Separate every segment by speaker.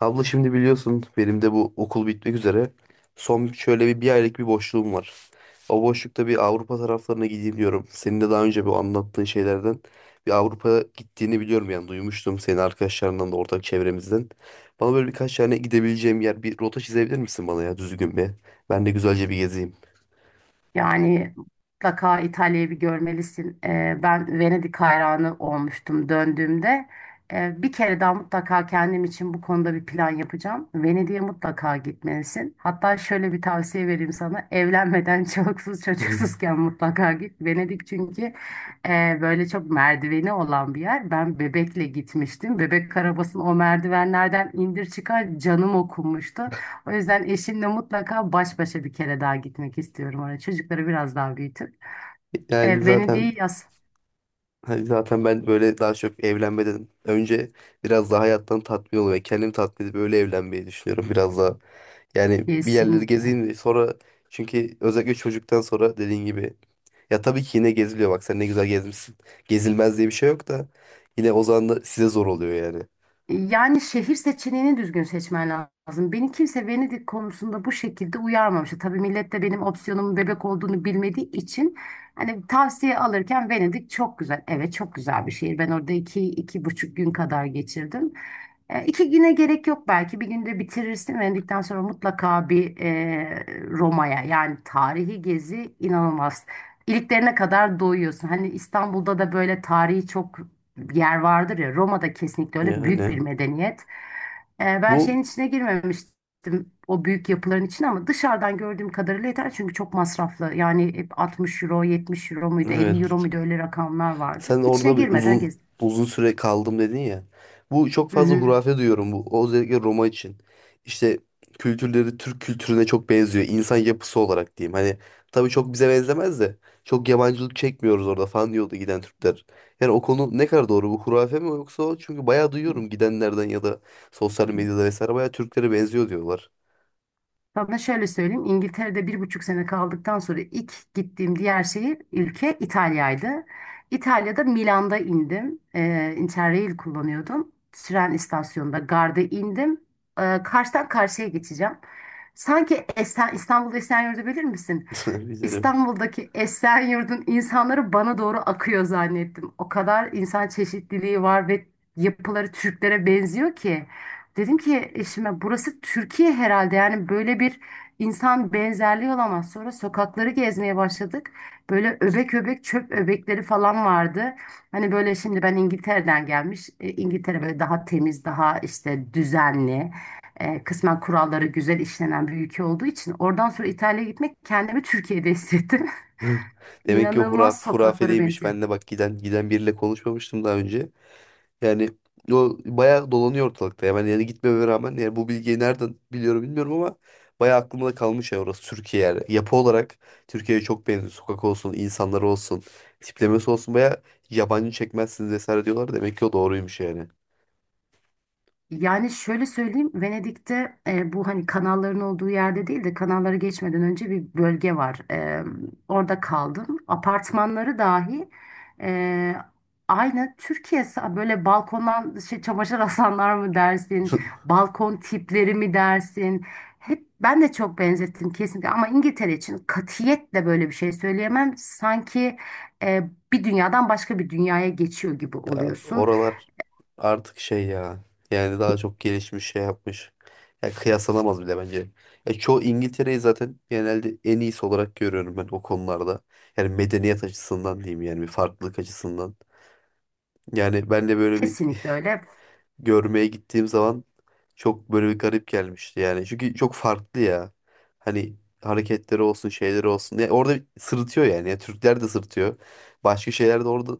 Speaker 1: Abla, şimdi biliyorsun benim de bu okul bitmek üzere. Son şöyle bir aylık bir boşluğum var. O boşlukta bir Avrupa taraflarına gideyim diyorum. Senin de daha önce bu anlattığın şeylerden bir Avrupa gittiğini biliyorum, yani duymuştum senin arkadaşlarından da ortak çevremizden. Bana böyle birkaç tane gidebileceğim yer, bir rota çizebilir misin bana, ya düzgün bir? Ben de güzelce bir gezeyim.
Speaker 2: Yani mutlaka İtalya'yı bir görmelisin. Ben Venedik hayranı olmuştum döndüğümde. Bir kere daha mutlaka kendim için bu konuda bir plan yapacağım. Venedik'e mutlaka gitmelisin. Hatta şöyle bir tavsiye vereyim sana. Evlenmeden çoluksuz çocuksuzken mutlaka git. Venedik çünkü böyle çok merdiveni olan bir yer. Ben bebekle gitmiştim. Bebek arabasını o merdivenlerden indir çıkar canım okunmuştu. O yüzden eşimle mutlaka baş başa bir kere daha gitmek istiyorum oraya. Çocukları biraz daha büyütüp.
Speaker 1: Yani
Speaker 2: Beni değil
Speaker 1: zaten
Speaker 2: yaz.
Speaker 1: Hani zaten ben böyle daha çok evlenmeden önce biraz daha hayattan tatmin olmayı ve kendimi tatmin edip öyle evlenmeyi düşünüyorum biraz daha. Yani bir yerleri
Speaker 2: Kesinlikle.
Speaker 1: gezeyim de sonra, çünkü özellikle çocuktan sonra dediğin gibi ya tabii ki yine geziliyor, bak sen ne güzel gezmişsin. Gezilmez diye bir şey yok da yine o zaman da size zor oluyor yani.
Speaker 2: Yani şehir seçeneğini düzgün seçmen lazım. Beni kimse Venedik konusunda bu şekilde uyarmamıştı. Tabii millet de benim opsiyonumun bebek olduğunu bilmediği için hani tavsiye alırken Venedik çok güzel. Evet, çok güzel bir şehir. Ben orada iki, iki buçuk gün kadar geçirdim. E, iki güne gerek yok belki. Bir günde bitirirsin. Venedik'ten sonra mutlaka bir Roma'ya, yani tarihi gezi inanılmaz. İliklerine kadar doyuyorsun. Hani İstanbul'da da böyle tarihi çok bir yer vardır ya, Roma'da kesinlikle öyle büyük
Speaker 1: Yani
Speaker 2: bir medeniyet. Ben
Speaker 1: bu
Speaker 2: şeyin içine girmemiştim, o büyük yapıların içine, ama dışarıdan gördüğüm kadarıyla yeter çünkü çok masraflı. Yani hep 60 euro, 70 euro muydu, 50 euro
Speaker 1: evet
Speaker 2: muydu, öyle rakamlar vardı.
Speaker 1: Sen
Speaker 2: İçine
Speaker 1: orada bir
Speaker 2: girmeden
Speaker 1: uzun süre kaldım dedin ya. Bu çok fazla
Speaker 2: gezdim.
Speaker 1: hurafe duyuyorum bu. O özellikle Roma için. İşte kültürleri Türk kültürüne çok benziyor. İnsan yapısı olarak diyeyim. Hani tabii çok bize benzemez de çok yabancılık çekmiyoruz orada falan diyordu giden Türkler. Yani o konu ne kadar doğru? Bu hurafe mi yoksa o? Çünkü bayağı duyuyorum gidenlerden ya da sosyal medyada vesaire, bayağı Türklere benziyor diyorlar.
Speaker 2: Sana şöyle söyleyeyim. İngiltere'de 1,5 sene kaldıktan sonra ilk gittiğim diğer şehir, ülke İtalya'ydı. İtalya'da Milan'da indim. Interrail kullanıyordum. Tren istasyonunda garda indim. Karşıdan karşıya geçeceğim. Sanki İstanbul'da Esenyurt'u bilir misin?
Speaker 1: Bizlerim.
Speaker 2: İstanbul'daki Esenyurt'un insanları bana doğru akıyor zannettim. O kadar insan çeşitliliği var ve yapıları Türklere benziyor ki. Dedim ki eşime, burası Türkiye herhalde, yani böyle bir insan benzerliği olamaz. Sonra sokakları gezmeye başladık. Böyle öbek öbek çöp öbekleri falan vardı. Hani böyle şimdi ben İngiltere'den gelmiş. İngiltere böyle daha temiz, daha işte düzenli, kısmen kuralları güzel işlenen bir ülke olduğu için oradan sonra İtalya'ya gitmek kendimi Türkiye'de hissettim.
Speaker 1: Demek ki o
Speaker 2: İnanılmaz
Speaker 1: hurafe
Speaker 2: sokaklara
Speaker 1: değilmiş.
Speaker 2: benziyor.
Speaker 1: Ben de bak giden biriyle konuşmamıştım daha önce. Yani o bayağı dolanıyor ortalıkta ya. Ben yani gitmeme rağmen yani bu bilgiyi nereden biliyorum bilmiyorum ama bayağı aklımda kalmış ya, orası Türkiye yani. Yapı olarak Türkiye'ye çok benziyor. Sokak olsun, insanlar olsun, tiplemesi olsun bayağı yabancı çekmezsiniz vesaire diyorlar. Demek ki o doğruymuş yani.
Speaker 2: Yani şöyle söyleyeyim, Venedik'te bu hani kanalların olduğu yerde değil de, kanalları geçmeden önce bir bölge var. Orada kaldım. Apartmanları dahi e, aynı Türkiye böyle balkondan şey, çamaşır asanlar mı dersin, balkon tipleri mi dersin? Hep ben de çok benzettim kesinlikle ama İngiltere için katiyetle böyle bir şey söyleyemem. Sanki e, bir dünyadan başka bir dünyaya geçiyor gibi
Speaker 1: Ya
Speaker 2: oluyorsun.
Speaker 1: oralar artık şey ya. Yani daha çok gelişmiş şey yapmış. Ya kıyaslanamaz bile bence. Ya çoğu İngiltere'yi zaten genelde en iyisi olarak görüyorum ben o konularda. Yani medeniyet açısından diyeyim, yani bir farklılık açısından. Yani ben de böyle bir
Speaker 2: Kesinlikle öyle.
Speaker 1: görmeye gittiğim zaman çok böyle bir garip gelmişti yani. Çünkü çok farklı ya. Hani hareketleri olsun, şeyleri olsun. Ya orada sırıtıyor yani. Ya Türkler de sırıtıyor. Başka şeyler de orada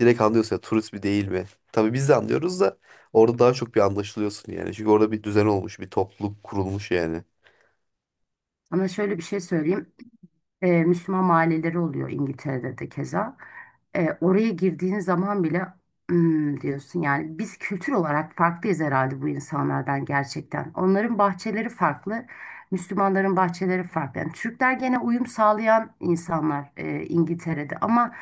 Speaker 1: direkt anlıyorsun, ya turist mi değil mi? Tabii biz de anlıyoruz da orada daha çok bir anlaşılıyorsun yani. Çünkü orada bir düzen olmuş, bir topluluk kurulmuş yani.
Speaker 2: Ama şöyle bir şey söyleyeyim, Müslüman mahalleleri oluyor İngiltere'de de keza. Oraya girdiğin zaman bile "Hmm," diyorsun, yani biz kültür olarak farklıyız herhalde bu insanlardan gerçekten. Onların bahçeleri farklı, Müslümanların bahçeleri farklı. Yani Türkler gene uyum sağlayan insanlar İngiltere'de, ama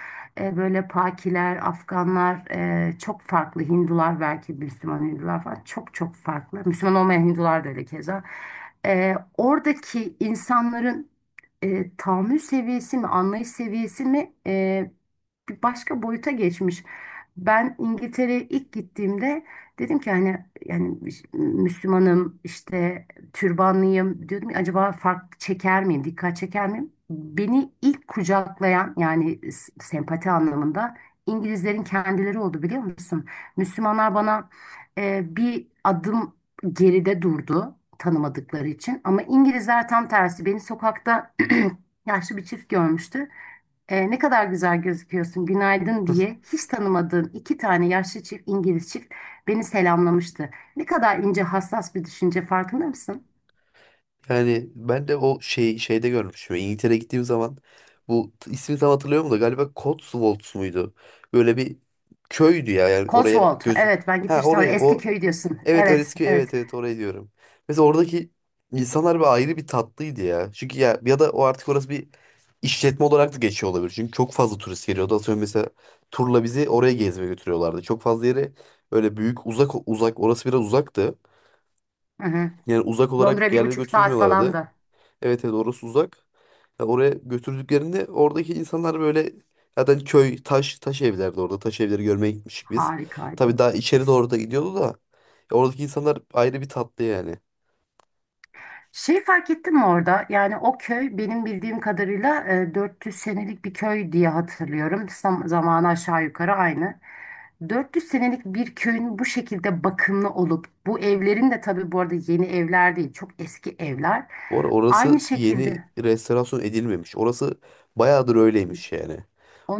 Speaker 2: böyle Pakiler, Afganlar çok farklı. Hindular belki, Müslüman Hindular falan çok çok farklı. Müslüman olmayan Hindular da öyle keza. Oradaki insanların tahammül seviyesi mi, anlayış seviyesi mi bir başka boyuta geçmiş. Ben İngiltere'ye ilk gittiğimde dedim ki hani yani Müslümanım işte türbanlıyım, diyordum ki acaba fark çeker miyim, dikkat çeker miyim? Beni ilk kucaklayan, yani sempati anlamında İngilizlerin kendileri oldu, biliyor musun? Müslümanlar bana bir adım geride durdu, tanımadıkları için. Ama İngilizler tam tersi. Beni sokakta yaşlı bir çift görmüştü. "Ne kadar güzel gözüküyorsun, günaydın," diye hiç tanımadığım iki tane yaşlı çift, İngiliz çift, beni selamlamıştı. Ne kadar ince, hassas bir düşünce, farkında mısın?
Speaker 1: Yani ben de o şeyde görmüşüm. İngiltere'ye gittiğim zaman bu ismini tam hatırlıyorum da, galiba Cotswolds muydu? Böyle bir köydü ya, yani oraya
Speaker 2: Cotswold.
Speaker 1: gözü.
Speaker 2: Evet, ben
Speaker 1: Ha,
Speaker 2: gitmiştim oraya.
Speaker 1: oraya,
Speaker 2: Eski
Speaker 1: o,
Speaker 2: köy diyorsun.
Speaker 1: evet,
Speaker 2: Evet,
Speaker 1: öylesi köy,
Speaker 2: evet.
Speaker 1: evet, evet, oraya diyorum. Mesela oradaki insanlar bir ayrı bir tatlıydı ya. Çünkü ya da o artık orası bir işletme olarak da geçiyor olabilir. Çünkü çok fazla turist geliyordu. Atıyorum mesela turla bizi oraya gezmeye götürüyorlardı. Çok fazla yere, öyle büyük, uzak uzak, orası biraz uzaktı.
Speaker 2: Hı hı.
Speaker 1: Yani uzak
Speaker 2: Londra
Speaker 1: olarak
Speaker 2: bir
Speaker 1: yerlere
Speaker 2: buçuk saat falan
Speaker 1: götürmüyorlardı.
Speaker 2: da
Speaker 1: Evet, evet, orası uzak. Ya oraya götürdüklerinde oradaki insanlar böyle, zaten köy, taş evlerdi orada. Taş evleri görmeye gitmiştik biz.
Speaker 2: harikaydı.
Speaker 1: Tabii daha içeri doğru da gidiyordu da, ya oradaki insanlar ayrı bir tatlı yani.
Speaker 2: Şey fark ettin mi orada? Yani o köy benim bildiğim kadarıyla 400 senelik bir köy diye hatırlıyorum. Zamanı aşağı yukarı aynı. 400 senelik bir köyün bu şekilde bakımlı olup, bu evlerin de, tabii bu arada, yeni evler değil, çok eski evler.
Speaker 1: Or
Speaker 2: Aynı
Speaker 1: orası yeni
Speaker 2: şekilde
Speaker 1: restorasyon edilmemiş. Orası bayağıdır öyleymiş yani.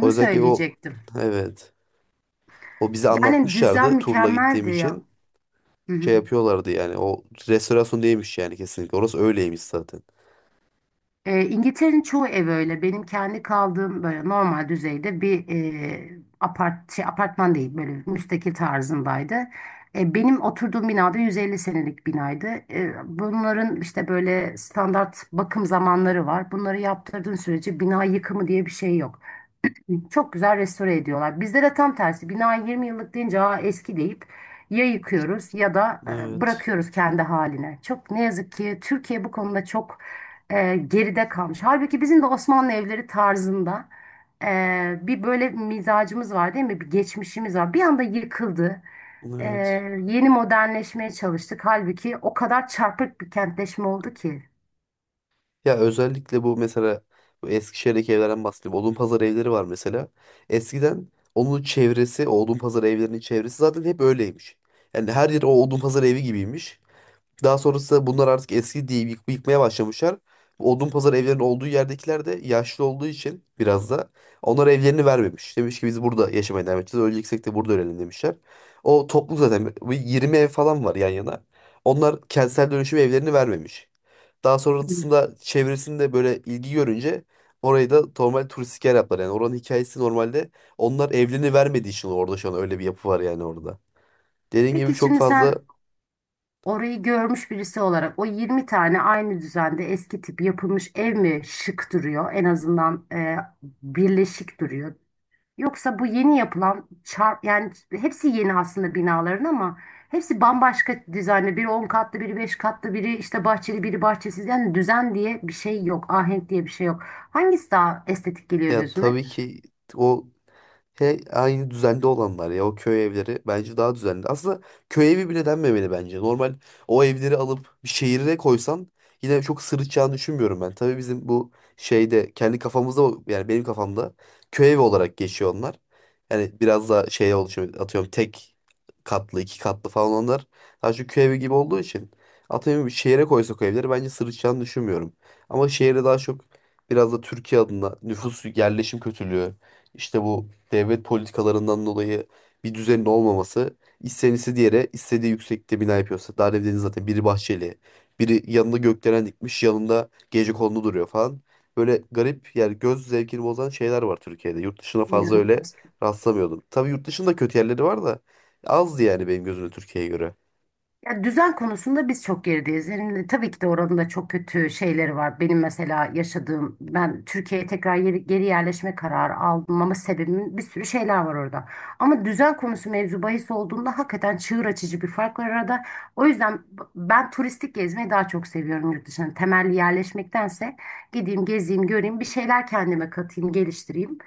Speaker 1: O yüzden ki o,
Speaker 2: söyleyecektim.
Speaker 1: evet. O bize
Speaker 2: Yani düzen
Speaker 1: anlatmışlardı turla gittiğim
Speaker 2: mükemmeldi ya.
Speaker 1: için. Şey yapıyorlardı yani. O restorasyon değilmiş yani, kesinlikle. Orası öyleymiş zaten.
Speaker 2: İngiltere'nin çoğu ev öyle. Benim kendi kaldığım böyle normal düzeyde bir apartman değil, böyle müstakil tarzındaydı. Benim oturduğum binada 150 senelik binaydı. Bunların işte böyle standart bakım zamanları var. Bunları yaptırdığın sürece bina yıkımı diye bir şey yok. Çok güzel restore ediyorlar. Bizde de tam tersi. Bina 20 yıllık deyince, "Aa, eski," deyip ya yıkıyoruz ya da
Speaker 1: Evet.
Speaker 2: bırakıyoruz kendi haline. Çok ne yazık ki Türkiye bu konuda çok geride kalmış. Halbuki bizim de Osmanlı evleri tarzında bir böyle mizacımız var, değil mi? Bir geçmişimiz var. Bir anda yıkıldı. E,
Speaker 1: Evet.
Speaker 2: yeni modernleşmeye çalıştık. Halbuki o kadar çarpık bir kentleşme oldu ki.
Speaker 1: Ya özellikle bu, mesela bu Eskişehir'deki evlerden bahsedeyim. Odunpazarı evleri var mesela. Eskiden onun çevresi, o Odunpazarı evlerinin çevresi zaten hep öyleymiş. Yani her yer o Odunpazarı evi gibiymiş. Daha sonrasında bunlar artık eski diye yıkmaya başlamışlar. Bu Odunpazarı evlerinin olduğu yerdekiler de yaşlı olduğu için biraz da, onlar evlerini vermemiş. Demiş ki biz burada yaşamaya devam edeceğiz. Öleceksek de burada ölelim demişler. O toplu zaten bir 20 ev falan var yan yana. Onlar kentsel dönüşüm evlerini vermemiş. Daha
Speaker 2: Hı.
Speaker 1: sonrasında çevresinde böyle ilgi görünce, orayı da normal turistik yer yaptılar. Yani oranın hikayesi normalde, onlar evliliğini vermediği için orada şu an öyle bir yapı var yani orada. Dediğim gibi
Speaker 2: Peki,
Speaker 1: çok
Speaker 2: şimdi sen,
Speaker 1: fazla,
Speaker 2: orayı görmüş birisi olarak o 20 tane aynı düzende eski tip yapılmış ev mi şık duruyor? En azından birleşik duruyor. Yoksa bu yeni yapılan yani hepsi yeni aslında binaların, ama hepsi bambaşka dizaynlı. Biri 10 katlı, biri 5 katlı, biri işte bahçeli, biri bahçesiz. Yani düzen diye bir şey yok, ahenk diye bir şey yok. Hangisi daha estetik geliyor
Speaker 1: yani
Speaker 2: gözüne?
Speaker 1: tabii ki o, he, aynı düzenli olanlar ya, o köy evleri bence daha düzenli. Aslında köy evi bile denmemeli bence. Normal o evleri alıp bir şehire koysan yine çok sırıtacağını düşünmüyorum ben. Tabii bizim bu şeyde kendi kafamızda yani benim kafamda köy evi olarak geçiyor onlar. Yani biraz daha şeye oluşuyor, atıyorum tek katlı 2 katlı falan onlar. Daha çok köy evi gibi olduğu için atıyorum, bir şehire koysak o evleri bence sırıtacağını düşünmüyorum. Ama şehirde daha çok biraz da Türkiye adına nüfus yerleşim kötülüğü, işte bu devlet politikalarından dolayı bir düzenin olmaması, istenisi diğeri istediği yüksekte bina yapıyorsa Darwin'in, zaten biri bahçeli, biri yanında gökdelen dikmiş, yanında gecekondu duruyor falan. Böyle garip yani, göz zevkini bozan şeyler var Türkiye'de. Yurt dışına fazla öyle
Speaker 2: İnanılmaz.
Speaker 1: rastlamıyordum. Tabii yurt dışında kötü yerleri var da azdı yani, benim gözümde Türkiye'ye göre.
Speaker 2: Ya düzen konusunda biz çok gerideyiz. Yani tabii ki de oranın da çok kötü şeyleri var. Benim mesela yaşadığım, ben Türkiye'ye tekrar geri yerleşme kararı aldım, ama sebebimin bir sürü şeyler var orada. Ama düzen konusu mevzu bahis olduğunda hakikaten çığır açıcı bir fark var arada. O yüzden ben turistik gezmeyi daha çok seviyorum yurt dışına. Temelli yerleşmektense gideyim, gezeyim, göreyim, bir şeyler kendime katayım, geliştireyim.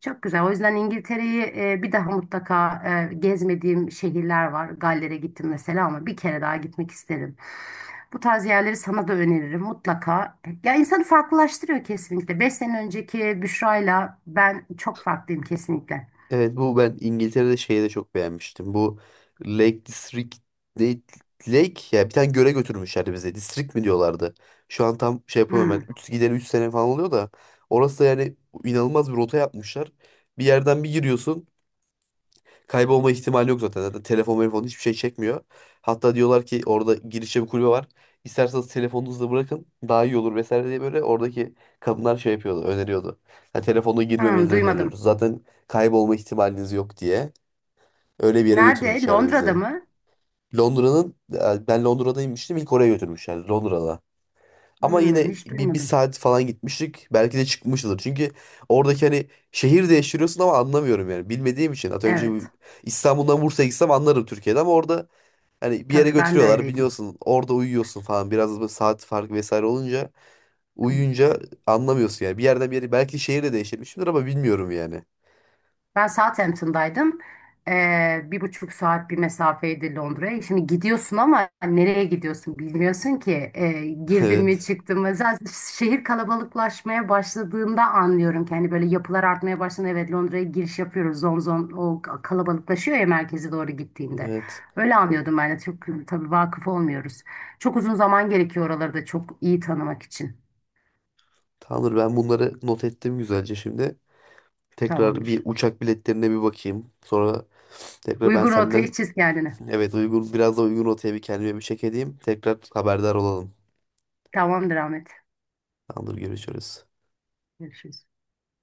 Speaker 2: Çok güzel. O yüzden İngiltere'yi bir daha mutlaka gezmediğim şehirler var. Galler'e gittim mesela ama bir kere daha gitmek isterim. Bu tarz yerleri sana da öneririm mutlaka. Ya insanı farklılaştırıyor kesinlikle. 5 sene önceki Büşra'yla ben çok farklıyım kesinlikle.
Speaker 1: Evet, bu ben İngiltere'de şeyi de çok beğenmiştim. Bu Lake District, ne- Lake, ya bir tane göle götürmüşlerdi bize. District mi diyorlardı. Şu an tam şey yapamıyorum
Speaker 2: Hmm,
Speaker 1: ben. Üç gideli 3 sene falan oluyor da orası da, yani inanılmaz bir rota yapmışlar. Bir yerden bir giriyorsun. Kaybolma ihtimali yok zaten. Zaten telefon hiçbir şey çekmiyor. Hatta diyorlar ki orada girişte bir kulübe var. İsterseniz telefonunuzu da bırakın daha iyi olur vesaire diye, böyle oradaki kadınlar şey yapıyordu, öneriyordu. Yani telefonla
Speaker 2: hmm,
Speaker 1: girmemenizi öneriyoruz,
Speaker 2: duymadım.
Speaker 1: zaten kaybolma ihtimaliniz yok diye. Öyle bir yere
Speaker 2: Nerede?
Speaker 1: götürmüşlerdi
Speaker 2: Londra'da
Speaker 1: bizi.
Speaker 2: mı?
Speaker 1: Ben Londra'daymıştım, ilk oraya götürmüşler Londra'da. Ama
Speaker 2: Hmm,
Speaker 1: yine
Speaker 2: hiç
Speaker 1: bir
Speaker 2: duymadım.
Speaker 1: saat falan gitmiştik. Belki de çıkmışızdır. Çünkü oradaki hani şehir değiştiriyorsun ama anlamıyorum yani. Bilmediğim için. Atıyorum şimdi
Speaker 2: Evet.
Speaker 1: İstanbul'dan Bursa'ya gitsem anlarım Türkiye'de, ama orada hani bir yere
Speaker 2: Tabii ben de
Speaker 1: götürüyorlar
Speaker 2: öyleydim.
Speaker 1: biliyorsun. Orada uyuyorsun falan. Biraz da böyle saat farkı vesaire olunca, uyuyunca anlamıyorsun yani. Bir yerden bir yere belki şehir de değiştirmişimdir ama bilmiyorum yani.
Speaker 2: Ben Southampton'daydım. Bir buçuk saat bir mesafeydi Londra'ya. Şimdi gidiyorsun ama nereye gidiyorsun bilmiyorsun ki. Ee, girdim mi
Speaker 1: Evet.
Speaker 2: çıktım mı. Zaten şehir kalabalıklaşmaya başladığında anlıyorum ki hani böyle yapılar artmaya başladığında, evet, Londra'ya giriş yapıyoruz. Zon zon o kalabalıklaşıyor ya, merkeze doğru gittiğinde.
Speaker 1: Evet.
Speaker 2: Öyle anlıyordum ben de. Çok tabii vakıf olmuyoruz. Çok uzun zaman gerekiyor oraları da çok iyi tanımak için.
Speaker 1: Tamamdır, ben bunları not ettim güzelce şimdi. Tekrar bir
Speaker 2: Tamamdır.
Speaker 1: uçak biletlerine bir bakayım. Sonra tekrar ben
Speaker 2: Uygun
Speaker 1: senden.
Speaker 2: rotayı çiz kendine.
Speaker 1: Evet, uygun biraz da uygun rotaya bir kendime bir çek edeyim. Tekrar haberdar olalım.
Speaker 2: Tamamdır Ahmet.
Speaker 1: Tamamdır, görüşürüz.
Speaker 2: Görüşürüz.